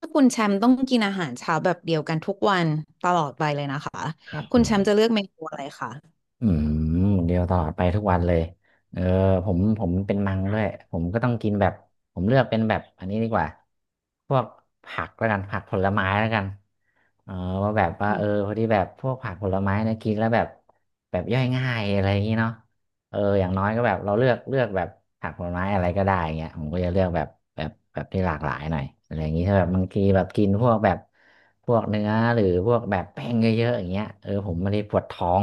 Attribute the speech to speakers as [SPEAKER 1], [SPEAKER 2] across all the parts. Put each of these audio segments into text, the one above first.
[SPEAKER 1] ถ้าคุณแชมป์ต้องกินอาหารเช้าแบบเดียวกันทุกวันตลอดไปเลยนะคะ
[SPEAKER 2] ครับผ
[SPEAKER 1] คุณ
[SPEAKER 2] ม
[SPEAKER 1] แชมป์จะเลือกเมนูอะไรคะ
[SPEAKER 2] อืมเดียวตลอดไปทุกวันเลยเออผมเป็นมังด้วยผมก็ต้องกินแบบผมเลือกเป็นแบบอันนี้ดีกว่าพวกผักแล้วกันผักผลไม้แล้วกันเออว่าแบบว่า
[SPEAKER 1] อื
[SPEAKER 2] เอ
[SPEAKER 1] ม
[SPEAKER 2] อพอดีแบบพวกผักผลไม้นะกินแล้วแบบแบบย่อยง่ายอะไรอย่างนี้เนาะ เอออย่างน้อยก็แบบเราเลือกแบบผักผลไม้อะไรก็ได้เงี้ยผมก็จะเลือกแบบแบบที่หลากหลายหน่อยอะไรอย่างงี้ถ้าแบบบางทีแบบกินพวกแบบพวกเนื้อหรือพวกแบบแป้งเยอะๆอย่างเงี้ยเออผมไม่ได้ปวดท้อง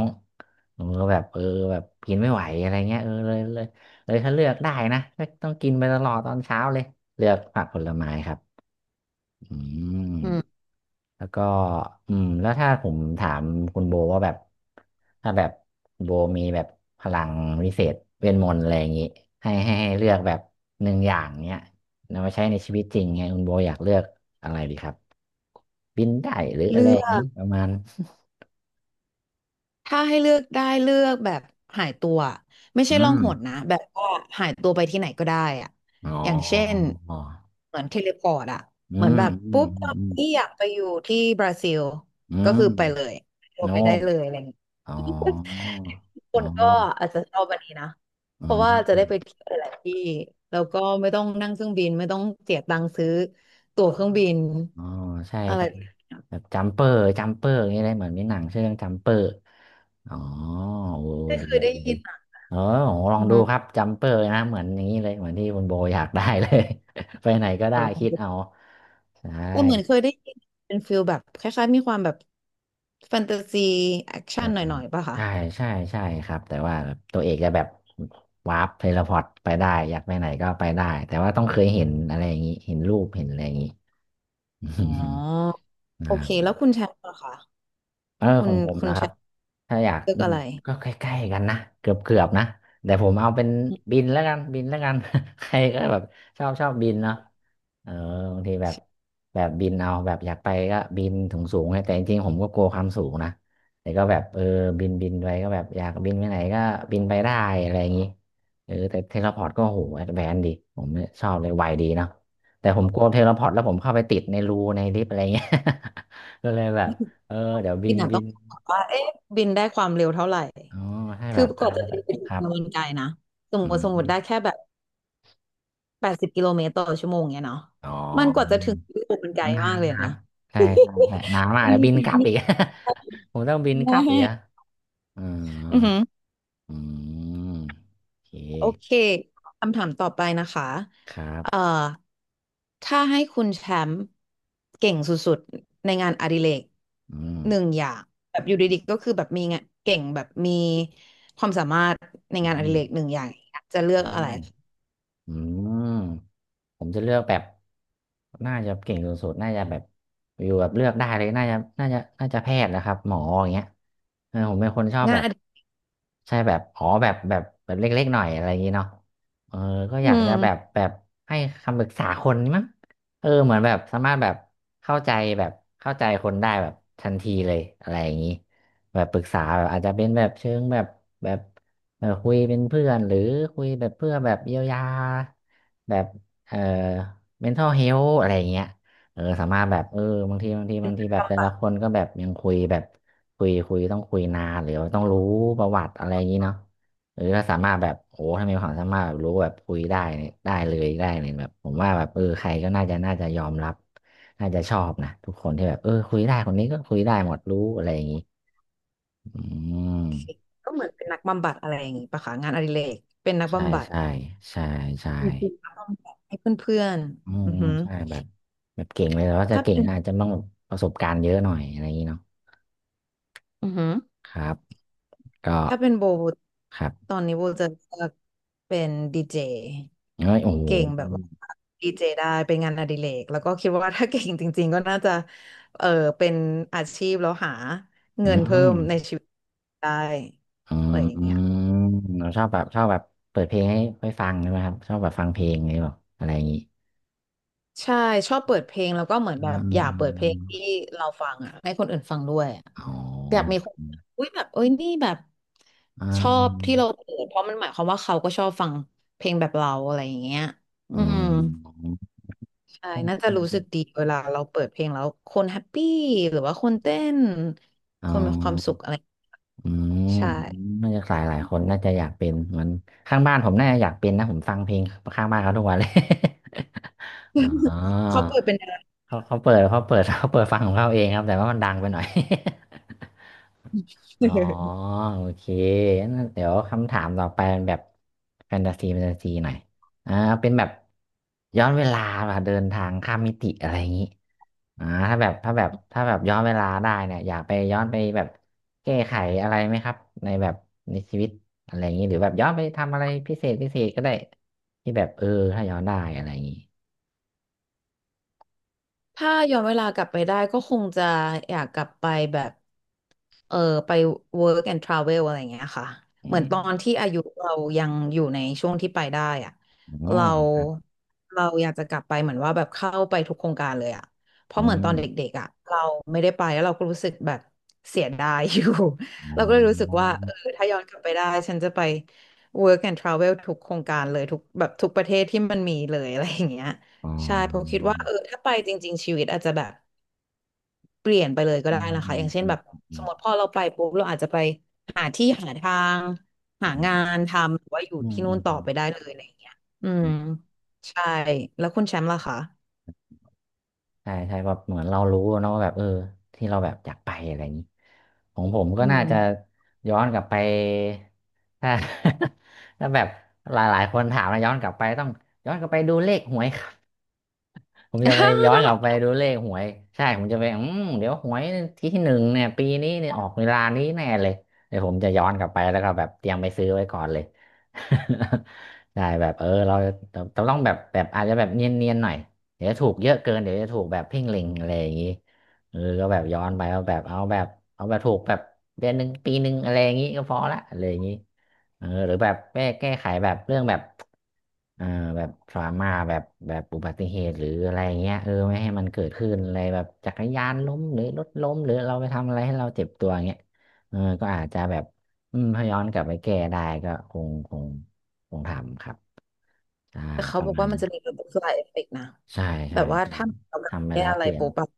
[SPEAKER 2] ผมก็แบบเออแบบกินไม่ไหวอะไรเงี้ยเออเลยถ้าเลือกได้นะก็ต้องกินไปตลอดตอนเช้าเลยเลือกผักผลไม้ครับอืม
[SPEAKER 1] อืม
[SPEAKER 2] แล้วก็อืมแล้วถ้าผมถามคุณโบว่าแบบถ้าแบบโบมีแบบพลังวิเศษเวทมนต์อะไรอย่างงี้ให้เลือกแบบหนึ่งอย่างเนี้ยนำมาใช้ในชีวิตจริงไงคุณโบอยากเลือกอะไรดีครับบินได้หรืออะ
[SPEAKER 1] เลื
[SPEAKER 2] ไรอ
[SPEAKER 1] อ
[SPEAKER 2] ย่างนี้
[SPEAKER 1] ก
[SPEAKER 2] ประมาณ
[SPEAKER 1] ถ้าให้เลือกได้เลือกแบบหายตัวไม่
[SPEAKER 2] อื
[SPEAKER 1] ใช่ล่อง
[SPEAKER 2] ม
[SPEAKER 1] หนนะแบบว่าหายตัวไปที่ไหนก็ได้อะ
[SPEAKER 2] อ๋อ
[SPEAKER 1] อย่างเช่นเหมือนเทเลพอร์ตอะ
[SPEAKER 2] อื
[SPEAKER 1] เหมือน
[SPEAKER 2] ม
[SPEAKER 1] แบบ
[SPEAKER 2] อืม
[SPEAKER 1] ปุ๊บ
[SPEAKER 2] อืมอืม
[SPEAKER 1] ที่อยากไปอยู่ที่บราซิล
[SPEAKER 2] อื
[SPEAKER 1] ก็คือ
[SPEAKER 2] ม
[SPEAKER 1] ไปเลยโทร
[SPEAKER 2] โน่
[SPEAKER 1] ไปได้เลยอะไรอย่างเงี้ย
[SPEAKER 2] อ๋อ
[SPEAKER 1] ค
[SPEAKER 2] อ๋อ
[SPEAKER 1] นก็อาจจะชอบวันนี้นะ
[SPEAKER 2] อื
[SPEAKER 1] เพราะว่าจะได้ไป
[SPEAKER 2] ม
[SPEAKER 1] เที่ยวหลายๆที่แล้วก็ไม่ต้องนั่งเครื่องบินไม่ต้องเสียตังค์ซื้อตั๋วเครื่องบิน
[SPEAKER 2] อ๋อใช่
[SPEAKER 1] อะไร
[SPEAKER 2] ใช่แบบจัมเปอร์อย่างเงี้ยเลยเหมือนมีหนังชื่อเรื่องจัมเปอร์อ๋อโอ้
[SPEAKER 1] ไม่
[SPEAKER 2] ดี
[SPEAKER 1] เคย
[SPEAKER 2] ดี
[SPEAKER 1] ได้
[SPEAKER 2] ดี
[SPEAKER 1] ยินอ่ะ
[SPEAKER 2] เออโหลอง
[SPEAKER 1] อือ
[SPEAKER 2] ดู
[SPEAKER 1] ฮึ
[SPEAKER 2] ครับจัมเปอร์นะเหมือนอย่างนี้เลยเหมือนที่คุณโบอยากได้เลย ไปไหนก็ได้
[SPEAKER 1] เดี๋ยวลอง
[SPEAKER 2] คิด
[SPEAKER 1] ดู
[SPEAKER 2] เอา
[SPEAKER 1] แ
[SPEAKER 2] ใช่
[SPEAKER 1] ต่เหมือนเคยได้ยินเป็นฟิลแบบคล้ายๆมีความแบบแฟนตาซีแอคชั่นหน่อยๆป่ะคะ
[SPEAKER 2] ใช่ใช่ใช่ครับแต่ว่าแบบตัวเอกจะแบบวาร์ปเทเลพอร์ตไปได้อยากไปไหนก็ไปได้แต่ว่าต้องเคยเห็นอะไรอย่างนี้เห็นรูปเห็นอะไรอย่างนี้
[SPEAKER 1] อ๋อ โอเค
[SPEAKER 2] อ่า
[SPEAKER 1] แล้วคุณแชมป์ล่ะคะ
[SPEAKER 2] เออ
[SPEAKER 1] คุ
[SPEAKER 2] ขอ
[SPEAKER 1] ณ
[SPEAKER 2] งผม
[SPEAKER 1] คุณ
[SPEAKER 2] นะค
[SPEAKER 1] แช
[SPEAKER 2] รับ
[SPEAKER 1] มป์
[SPEAKER 2] ถ้าอยาก
[SPEAKER 1] เลือก
[SPEAKER 2] อืม
[SPEAKER 1] อะไร
[SPEAKER 2] ก็ใกล้ๆกันนะเกือบนะแต่ผมเอาเป็นบินแล้วกัน ใครก็แบบชอบบินเนาะเออบางทีแบบแบบบินเอาแบบอยากไปก็บินถึงสูงๆไงแต่จริงๆผมก็กลัวความสูงนะแต่ก็แบบเออบินไปก็แบบอยากบินไปไหนก็บินไปได้อะไรอย่างนี้เออแต่เทเลพอร์ตก็โหแอดแวนซ์ดีผมชอบเลยไวดีเนาะแต่ผมกลัวเทเลพอร์ตแล้วผมเข้าไปติดในรูในลิฟต์อะไรเงี้ย ก็เลยแบบ เออเดี๋ยวบิ
[SPEAKER 1] ที่
[SPEAKER 2] น
[SPEAKER 1] หนา
[SPEAKER 2] บิ
[SPEAKER 1] ต้อ
[SPEAKER 2] น
[SPEAKER 1] งบอกว่าเอ๊ะบินได้ความเร็วเท่าไหร่
[SPEAKER 2] อ๋อให้
[SPEAKER 1] คื
[SPEAKER 2] แบ
[SPEAKER 1] อ
[SPEAKER 2] บ
[SPEAKER 1] ก
[SPEAKER 2] อา
[SPEAKER 1] ว่า
[SPEAKER 2] จ
[SPEAKER 1] จะ
[SPEAKER 2] จะแบ
[SPEAKER 1] เดิน
[SPEAKER 2] บ
[SPEAKER 1] ไปถึ
[SPEAKER 2] ค
[SPEAKER 1] ง
[SPEAKER 2] รับ
[SPEAKER 1] เนี่ยมันไกลนะสม
[SPEAKER 2] อื
[SPEAKER 1] มติสมม
[SPEAKER 2] ม
[SPEAKER 1] ติได้แค่แบบ80 กิโลเมตรต่อชั่วโมงเนี่ยเนาะ
[SPEAKER 2] อ๋อ
[SPEAKER 1] มันกว่าจะถึงยุโรปมันไกล
[SPEAKER 2] นา
[SPEAKER 1] มาก
[SPEAKER 2] น
[SPEAKER 1] เลย
[SPEAKER 2] นาน
[SPEAKER 1] นะ
[SPEAKER 2] ใช่นาน มาก
[SPEAKER 1] ที
[SPEAKER 2] แล้ว
[SPEAKER 1] นี้
[SPEAKER 2] บิน
[SPEAKER 1] ที
[SPEAKER 2] กลับ
[SPEAKER 1] นี้
[SPEAKER 2] อีก ผมต้องบิน
[SPEAKER 1] แม
[SPEAKER 2] กลับอีกอะอ๋อ
[SPEAKER 1] อือหือ
[SPEAKER 2] อืมโอเค
[SPEAKER 1] โอเคคำถามต่อไปนะคะ
[SPEAKER 2] ครับ
[SPEAKER 1] เอ่อถ้าให้คุณแชมป์เก่งสุดๆในงานอดิเรก
[SPEAKER 2] อืม
[SPEAKER 1] หนึ่งอย่างแบบอยู่ดีๆก็คือแบบมีงานเก่งแบบมีความสามารถใน
[SPEAKER 2] อื
[SPEAKER 1] งานอดิเรกห
[SPEAKER 2] ม
[SPEAKER 1] นึ่งอย่างจะเลื
[SPEAKER 2] อื
[SPEAKER 1] อกอะ
[SPEAKER 2] ม
[SPEAKER 1] ไร
[SPEAKER 2] อืม ผมจะเลือกแบบน่าจะเก่งสุดๆน่าจะแบบอยู่แบบเลือกได้เลยน่าจะแพทย์นะครับหมออย่างเงี้ยเออผมเป็นคนชอบ
[SPEAKER 1] งา
[SPEAKER 2] แบ
[SPEAKER 1] น
[SPEAKER 2] บ
[SPEAKER 1] อดิ
[SPEAKER 2] ใช่แบบอ๋อแบบเล็กๆหน่อยอะไรอย่างงี้เนาะเออก็อ
[SPEAKER 1] อื
[SPEAKER 2] ยาก
[SPEAKER 1] ม
[SPEAKER 2] จะแบบแบบให้คำปรึกษาคนมั้งเออเหมือนแบบสามารถแบบเข้าใจแบบเข้าใจคนได้แบบทันทีเลยอะไรอย่างงี้แบบปรึกษาแบบอาจจะเป็นแบบเชิงแบบแบบเออคุยเป็นเพื่อนหรือคุยแบบเพื่อแบบเยียวยาแบบ เอ่อ mental health อะไรอย่างเงี้ยเออสามารถแบบเออบางทีแบบแต่ละคนก็แบบยังคุยแบบคุยต้องคุยนานหรือว่าต้องรู้ประวัติอะไรอย่างนี้เนาะหรือถ้าสามารถแบบโอ้ถ้ามีความสามารถแบบรู้แบบคุยได้เนี่ยได้เลยแบบผมว่าแบบเออใครก็น่าจะยอมรับน่าจะชอบนะทุกคนที่แบบเออคุยได้คนนี้ก็คุยได้หมดรู้อะไรอย่างนี้อืม
[SPEAKER 1] ก็เหมือนเป็นนักบำบัดอะไรอย่างงี้ปะคะงานอดิเรกเป็นนัก
[SPEAKER 2] ใช่
[SPEAKER 1] บำบัด
[SPEAKER 2] ใช่ใช่ใช่
[SPEAKER 1] อืมนักบำบัดให้เพื่อน
[SPEAKER 2] อื
[SPEAKER 1] ๆอื
[SPEAKER 2] ม
[SPEAKER 1] อหือ
[SPEAKER 2] ใช่แบบแบบเก่งเลยแต่ว่าจะ
[SPEAKER 1] ถ้า
[SPEAKER 2] เก่ง
[SPEAKER 1] เป็น
[SPEAKER 2] อาจจะต้องประสบการณ์เยอะหน่อยอะไรอย่างนี้เนาะ
[SPEAKER 1] อือหือ
[SPEAKER 2] ครับก็
[SPEAKER 1] ถ้าเป็นโบ
[SPEAKER 2] ครับ
[SPEAKER 1] ตอนนี้โบจะเลือกเป็นดีเจ
[SPEAKER 2] เอ้ยโอ้โห
[SPEAKER 1] เก่งแบบว่าดีเจได้เป็นงานอดิเรกแล้วก็คิดว่าถ้าเก่งจริงๆก็น่าจะเออเป็นอาชีพแล้วหา
[SPEAKER 2] อื
[SPEAKER 1] เงินเพิ่ม
[SPEAKER 2] ม
[SPEAKER 1] ในชีวิตได้
[SPEAKER 2] อื
[SPEAKER 1] อะไรอย่างเงี้
[SPEAKER 2] ม
[SPEAKER 1] ย
[SPEAKER 2] เราชอบแบบชอบแบบเปิดเพลงให้ฟังใช่ไหมครับชอบแบบฟังเพลงอะไรแบบอะไรอย่างนี้
[SPEAKER 1] ใช่ชอบเปิดเพลงแล้วก็เหมือนแบ
[SPEAKER 2] อื
[SPEAKER 1] บอยากเปิดเพลง
[SPEAKER 2] ม
[SPEAKER 1] ที่เราฟังอ่ะให้คนอื่นฟังด้วยอะ
[SPEAKER 2] อ๋อ
[SPEAKER 1] อยากมีคน
[SPEAKER 2] อืม
[SPEAKER 1] อุ้ยแบบเอ้ยนี่แบบชอบที่เราเปิดเพราะมันหมายความว่าเขาก็ชอบฟังเพลงแบบเราอะไรอย่างเงี้ยอื
[SPEAKER 2] อื
[SPEAKER 1] ม
[SPEAKER 2] ม
[SPEAKER 1] ใช่
[SPEAKER 2] อ
[SPEAKER 1] น่าจะ
[SPEAKER 2] ื
[SPEAKER 1] รู้สึก
[SPEAKER 2] ม
[SPEAKER 1] ดีเวลาเราเปิดเพลงแล้วคนแฮปปี้หรือว่าคนเต้น
[SPEAKER 2] อ๋
[SPEAKER 1] ค
[SPEAKER 2] อ
[SPEAKER 1] นมีความสุขอะไร
[SPEAKER 2] อืม
[SPEAKER 1] ใช่
[SPEAKER 2] น่าจะหลายคนน่าจะอยากเป็นเหมือนข้างบ้านผมน่าจะอยากเป็นนะผมฟังเพลงข้างบ้านเขาทุกวันเลย อ๋อ
[SPEAKER 1] เขาเปิดเป็นน
[SPEAKER 2] เขาเปิด เขาเปิดฟังของเขาเองครับแต่ว่ามันดังไปหน่อย อ๋อ
[SPEAKER 1] ะ
[SPEAKER 2] โอเคงั้นเดี๋ยวคำถามต่อไปเป็นแบบแฟนตาซีหน่อยอ่าเป็นแบบย้อนเวลาแบบเดินทางข้ามมิติอะไรอย่างนี้ ถ้าแบบย้อนเวลาได้เนี่ยอยากไปย้อนไปแบบแก้ไขอะไรไหมครับในแบบในชีวิตอะไรอย่างนี้หรือแบบย้อนไปทำอะไรพิเศษพิเศษก็ได้ที่แบบเออถ้าย้อนได้อะไรอย่างนี้
[SPEAKER 1] ถ้าย้อนเวลากลับไปได้ก็คงจะอยากกลับไปแบบเออไป work and travel อะไรอย่างเงี้ยค่ะ
[SPEAKER 2] อื
[SPEAKER 1] เหมือน
[SPEAKER 2] ม
[SPEAKER 1] ตอนที่อายุเรายังอยู่ในช่วงที่ไปได้อะ
[SPEAKER 2] อ๋อ
[SPEAKER 1] เรา
[SPEAKER 2] ครับ
[SPEAKER 1] เราอยากจะกลับไปเหมือนว่าแบบเข้าไปทุกโครงการเลยอะเพ
[SPEAKER 2] อื
[SPEAKER 1] ราะเหมือนตอ
[SPEAKER 2] ม
[SPEAKER 1] นเด็กๆอะเราไม่ได้ไปแล้วเราก็รู้สึกแบบเสียดายอยู่
[SPEAKER 2] อ๋ อ
[SPEAKER 1] เราก็เลยรู้สึกว่าเออถ้าย้อนกลับไปได้ฉันจะไป work and travel ทุกโครงการเลยทุกแบบทุกประเทศที่มันมีเลยอะไรอย่างเงี้ย
[SPEAKER 2] อ๋อ
[SPEAKER 1] ใช่ผมคิดว่าเออถ้าไปจริงๆชีวิตอาจจะแบบเปลี่ยนไปเลยก็
[SPEAKER 2] อื
[SPEAKER 1] ได้
[SPEAKER 2] ม
[SPEAKER 1] นะ
[SPEAKER 2] อื
[SPEAKER 1] คะอ
[SPEAKER 2] ม
[SPEAKER 1] ย่างเช่น
[SPEAKER 2] อื
[SPEAKER 1] แบ
[SPEAKER 2] ม
[SPEAKER 1] บ
[SPEAKER 2] อื
[SPEAKER 1] สมมติ
[SPEAKER 2] ม
[SPEAKER 1] พอเราไปปุ๊บเราอาจจะไปหาที่หาทางหา
[SPEAKER 2] อื
[SPEAKER 1] งา
[SPEAKER 2] ม
[SPEAKER 1] นทำหรือว่าอยู่
[SPEAKER 2] อืม
[SPEAKER 1] ที่นู่นต่อ
[SPEAKER 2] อื
[SPEAKER 1] ไปได้เลยอะไรอย่างเงี้ยอืม
[SPEAKER 2] ม
[SPEAKER 1] ใช่แล้วคุณแชมป์ล่ะคะ
[SPEAKER 2] ใช่ใช่แบบเหมือนเรารู้เนอะว่าแบบเออที่เราแบบอยากไปอะไรอย่างนี้ของผมก็
[SPEAKER 1] อื
[SPEAKER 2] น่า
[SPEAKER 1] ม
[SPEAKER 2] จะย้อนกลับไปถ้า ถ้าแบบหลายๆคนถามนะย้อนกลับไปต้องย้อนกลับไปดูเลขหวย ผมจะไปย้อนกลับไป ดูเลขหวยใช่ผมจะไปเดี๋ยวหวยที่หนึ่งเนี่ยปีนี้เนี่ยออกเวลานี้แน่เลยเดี๋ยวผมจะย้อนกลับไปแล้วก็แบบเตรียมไปซื้อไว้ก่อนเลย ใช่แบบเออเราเราต้องแบบแบบอาจจะแบบเนียนๆหน่อยเดี๋ยวถูกเยอะเกินเดี๋ยวจะถูกแบบเพ่งเล็งอะไรอย่างนี้เออก็แบบย้อนไปเอาแบบถูกแบบเดือนหนึ่งปีหนึ่งอะไรอย่างนี้ก็พอละอะไรอย่างนี้ เออหรือแบบแก้ไขแบบเรื่องแบบเอ่อแบบทรามาแบบแบบอุบัติเหตุหรืออะไรเงี้ยเออไม่ให้มันเกิดขึ้นอะไรแบบจักรยานล้มหรือรถล้มหรือเราไปทำอะไรให้เราเจ็บตัวเงี้ยเออก็อาจจะแบบอืมถ้าย้อนกลับไปแก้ได้ก็คงทำครับใช่
[SPEAKER 1] แต่เขา
[SPEAKER 2] ป
[SPEAKER 1] บ
[SPEAKER 2] ระ
[SPEAKER 1] อก
[SPEAKER 2] มาณ
[SPEAKER 1] ว่ามัน
[SPEAKER 2] นี้
[SPEAKER 1] จะมีแบบ butterfly effect นะ
[SPEAKER 2] ใช่
[SPEAKER 1] แบ
[SPEAKER 2] ใช่
[SPEAKER 1] บว่า
[SPEAKER 2] ใช่
[SPEAKER 1] ถ้าเราแบบ
[SPEAKER 2] ทำไป
[SPEAKER 1] แก้
[SPEAKER 2] แล้ว
[SPEAKER 1] อะไร
[SPEAKER 2] เปลี่ยน
[SPEAKER 1] ปุ๊บแบบ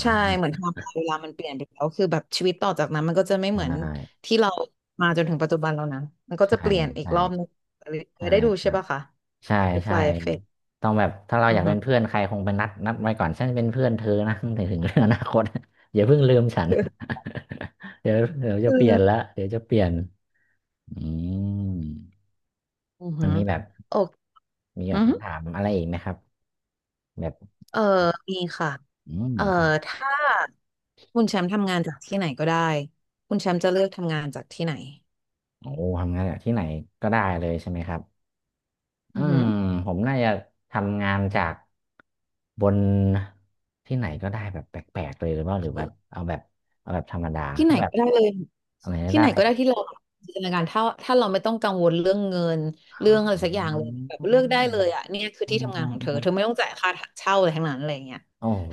[SPEAKER 1] ใช่เหมือ นไทม์ไลน์เวลามันเปลี่ยนไปแล้วคือแบบชีวิตต่อจากนั้นมันก็จะไม่
[SPEAKER 2] ใช
[SPEAKER 1] เหมือน
[SPEAKER 2] ่
[SPEAKER 1] ที่เรามาจนถึงปัจจุบันแล้วนะมันก็จะเป
[SPEAKER 2] ใช่
[SPEAKER 1] ลี่ยนอีก
[SPEAKER 2] ใช่
[SPEAKER 1] รอบนึงอะไรอย่าง
[SPEAKER 2] ใช่
[SPEAKER 1] เงี้ยได้ดูใช่ปะคะ
[SPEAKER 2] ใช่ใช่
[SPEAKER 1] butterfly effect
[SPEAKER 2] ต้องแบบถ้าเราอ
[SPEAKER 1] อือ
[SPEAKER 2] ยาก
[SPEAKER 1] ฮึ
[SPEAKER 2] เป็น เพื่อนใครคงไปนัดนัดไว้ก่อนฉันเป็นเพื่อนเธอนะ ถึงถึงเรื่องอนาคต อย่าเพิ่งลืมฉัน เดี๋ยวเดี๋ยว
[SPEAKER 1] เอ
[SPEAKER 2] จะเปลี่ยนละ
[SPEAKER 1] อ
[SPEAKER 2] เดี๋ยวจะเปลี่ยนอืม
[SPEAKER 1] อือ
[SPEAKER 2] มัน
[SPEAKER 1] หือ
[SPEAKER 2] มีแบบ
[SPEAKER 1] โอเคอือหือ
[SPEAKER 2] คำถามอะไรอีกไหมครับแบบ
[SPEAKER 1] เออมีค่ะ
[SPEAKER 2] อืม
[SPEAKER 1] เออ
[SPEAKER 2] ครับ
[SPEAKER 1] ถ้าคุณแชมป์ทำงานจากที่ไหนก็ได้คุณแชมป์จะเลือกทำงานจากที่ไหน
[SPEAKER 2] โอ้ทำงานแบบที่ไหนก็ได้เลยใช่ไหมครับ อื
[SPEAKER 1] อือหื
[SPEAKER 2] ม
[SPEAKER 1] อ
[SPEAKER 2] ผมน่าจะทำงานจากบนที่ไหนก็ได้แบบแปลกๆเลยหรือว่าหรือแบบเอาแบบธรรมดา
[SPEAKER 1] ที่ไหน
[SPEAKER 2] ถ้าแบบ
[SPEAKER 1] ก็ได้เลย
[SPEAKER 2] อะไรก็
[SPEAKER 1] ที่ไห
[SPEAKER 2] ได้
[SPEAKER 1] นก็
[SPEAKER 2] แบ
[SPEAKER 1] ได้
[SPEAKER 2] บ
[SPEAKER 1] ที่เราจินตนาการถ้าเราไม่ต้องกังวลเรื่องเงิน
[SPEAKER 2] อ๋
[SPEAKER 1] เรื่องอะไรสักอย่าง
[SPEAKER 2] อ
[SPEAKER 1] เลยแบบเลือกได้เลยอ่ะเนี่ยคือ
[SPEAKER 2] อื
[SPEAKER 1] ที่
[SPEAKER 2] ม
[SPEAKER 1] ทำงา
[SPEAKER 2] อื
[SPEAKER 1] น
[SPEAKER 2] ม
[SPEAKER 1] ของ
[SPEAKER 2] อื
[SPEAKER 1] เธอ
[SPEAKER 2] ม
[SPEAKER 1] เธอไม่ต้องจ่ายค่าเช่าอะไรทั้งนั้นอะไรอย่างเงี้ย
[SPEAKER 2] โอ้โห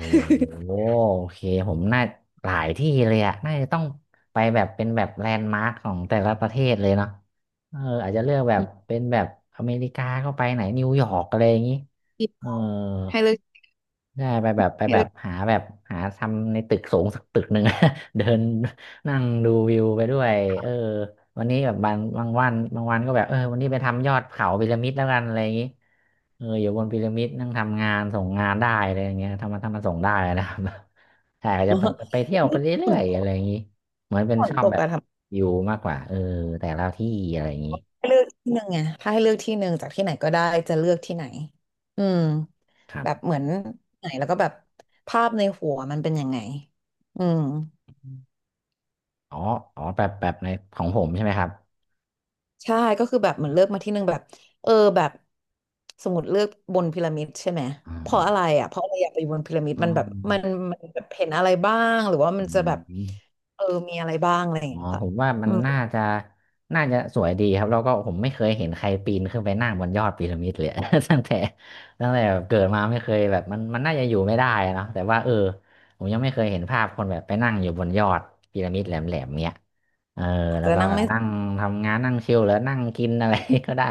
[SPEAKER 2] โอเคผมน่าหลายที่เลยอะน่าจะต้องไปแบบเป็นแบบแลนด์มาร์คของแต่ละประเทศเลยเนาะเอออาจจะเลือกแบ
[SPEAKER 1] อื
[SPEAKER 2] บ
[SPEAKER 1] ม
[SPEAKER 2] เป็นแบบอเมริกาก็ไปไหนนิวยอร์กอะไรอย่างนี้เออ
[SPEAKER 1] ให้เลือก
[SPEAKER 2] ใช่ไปแบบไป
[SPEAKER 1] ให้
[SPEAKER 2] แบ
[SPEAKER 1] เลื
[SPEAKER 2] บ
[SPEAKER 1] อก
[SPEAKER 2] หาแบบหาทำในตึกสูงสักตึกหนึ่ง เดินนั่งดูวิวไปด้วยเออวันนี้แบบบางบางวันบางวันก็แบบเออวันนี้ไปทำยอดเขาพีระมิดแล้วกันอะไรอย่างนี้เอออยู่บนพีระมิดนั่งทำงานส่งงานได้อะไรอย่างเงี้ยทำมาทำมาส่งได้นะครับ ใช่ก็
[SPEAKER 1] อ๋
[SPEAKER 2] จะ
[SPEAKER 1] อ
[SPEAKER 2] ไปไปเที่ยว
[SPEAKER 1] แล้
[SPEAKER 2] ไป
[SPEAKER 1] วฝ
[SPEAKER 2] เรื่อ
[SPEAKER 1] น
[SPEAKER 2] ย
[SPEAKER 1] ต
[SPEAKER 2] ๆอะไร
[SPEAKER 1] ก
[SPEAKER 2] อย่างนี้เหมือนเป็น
[SPEAKER 1] ฝ
[SPEAKER 2] ช
[SPEAKER 1] น
[SPEAKER 2] อ
[SPEAKER 1] ต
[SPEAKER 2] บ
[SPEAKER 1] ก
[SPEAKER 2] แบบ
[SPEAKER 1] อะทำ
[SPEAKER 2] อยู่มากกว่าเออแต่ละที่อะไรอย่างนี้
[SPEAKER 1] ให้เลือกที่หนึ่งไงถ้าให้เลือกที่หนึ่งจากที่ไหนก็ได้จะเลือกที่ไหนอืม
[SPEAKER 2] ครั
[SPEAKER 1] แบบ
[SPEAKER 2] บ
[SPEAKER 1] เหมือนไหนแล้วก็แบบภาพในหัวมันเป็นยังไงอืม
[SPEAKER 2] อ๋ออ๋อแบบแบบในของผมใช่ไหมครับ
[SPEAKER 1] ใช่ก็คือแบบเหมือนเลือกมาที่หนึ่งแบบเออแบบสมมติเลือกบนพีระมิดใช่ไหม
[SPEAKER 2] อ๋
[SPEAKER 1] เพ
[SPEAKER 2] อ
[SPEAKER 1] ราะอะไรอ่ะเพราะอะไรอยากไปบนพีระมิด
[SPEAKER 2] อ๋อ
[SPEAKER 1] มันแบบมันมันแบบเห็นอะไรบ้างหรือว่ามั
[SPEAKER 2] อื
[SPEAKER 1] นจะแบบ
[SPEAKER 2] ม
[SPEAKER 1] เออมีอะไรบ้างอะไรอย่าง
[SPEAKER 2] อ๋อ
[SPEAKER 1] เงี้ยค่ะ
[SPEAKER 2] ผมว่ามั
[SPEAKER 1] อื
[SPEAKER 2] น
[SPEAKER 1] ม
[SPEAKER 2] น่าจะสวยดีครับแล้วก็ผมไม่เคยเห็นใครปีนขึ้นไปนั่งบนยอดพีระมิดเลย ตั้งแต่ตั้งแต่แบบเกิดมาไม่เคยแบบมันน่าจะอยู่ไม่ได้เนอะแต่ว่าเออผมยังไม่เคยเห็นภาพคนแบบไปนั่งอยู่บนยอดพีระมิดแหลมๆเนี้ยเออ
[SPEAKER 1] อาจ
[SPEAKER 2] แล้ว
[SPEAKER 1] จะ
[SPEAKER 2] ก็
[SPEAKER 1] นั่ง
[SPEAKER 2] แบบ
[SPEAKER 1] ไม่
[SPEAKER 2] นั่งทำงานนั่งชิลหรือนั่งกินอะไร ก็ได้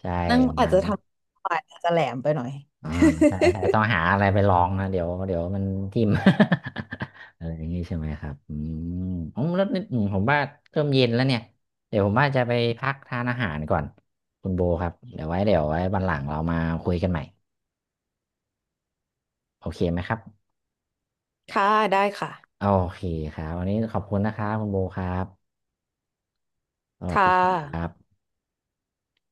[SPEAKER 2] ใช่
[SPEAKER 1] นั่ง
[SPEAKER 2] ประ
[SPEAKER 1] อาจ
[SPEAKER 2] มาณ
[SPEAKER 1] จะท
[SPEAKER 2] นี้
[SPEAKER 1] ำอาจจะแหลมไปหน่อย
[SPEAKER 2] อ่า ใช่ใช่ต้องหาอะไรไปลองนะเดี๋ยวเดี๋ยวมันทิ่ม อะไรอย่างงี้ใช่ไหมครับอืมอ๋อแล้วนี่อืมผมว่าเริ่มเย็นแล้วเนี่ยเดี๋ยวผมว่าจะไปพักทานอาหารก่อนคุณโบครับเดี๋ยวไว้วันหลังเรามาคุยกันใหม่โอเคไหมครับ
[SPEAKER 1] ค่ะได้ค่ะ
[SPEAKER 2] โอเคครับวันนี้ขอบคุณนะครับคุณโบครับสวัส
[SPEAKER 1] ค่ะ
[SPEAKER 2] ดีครับ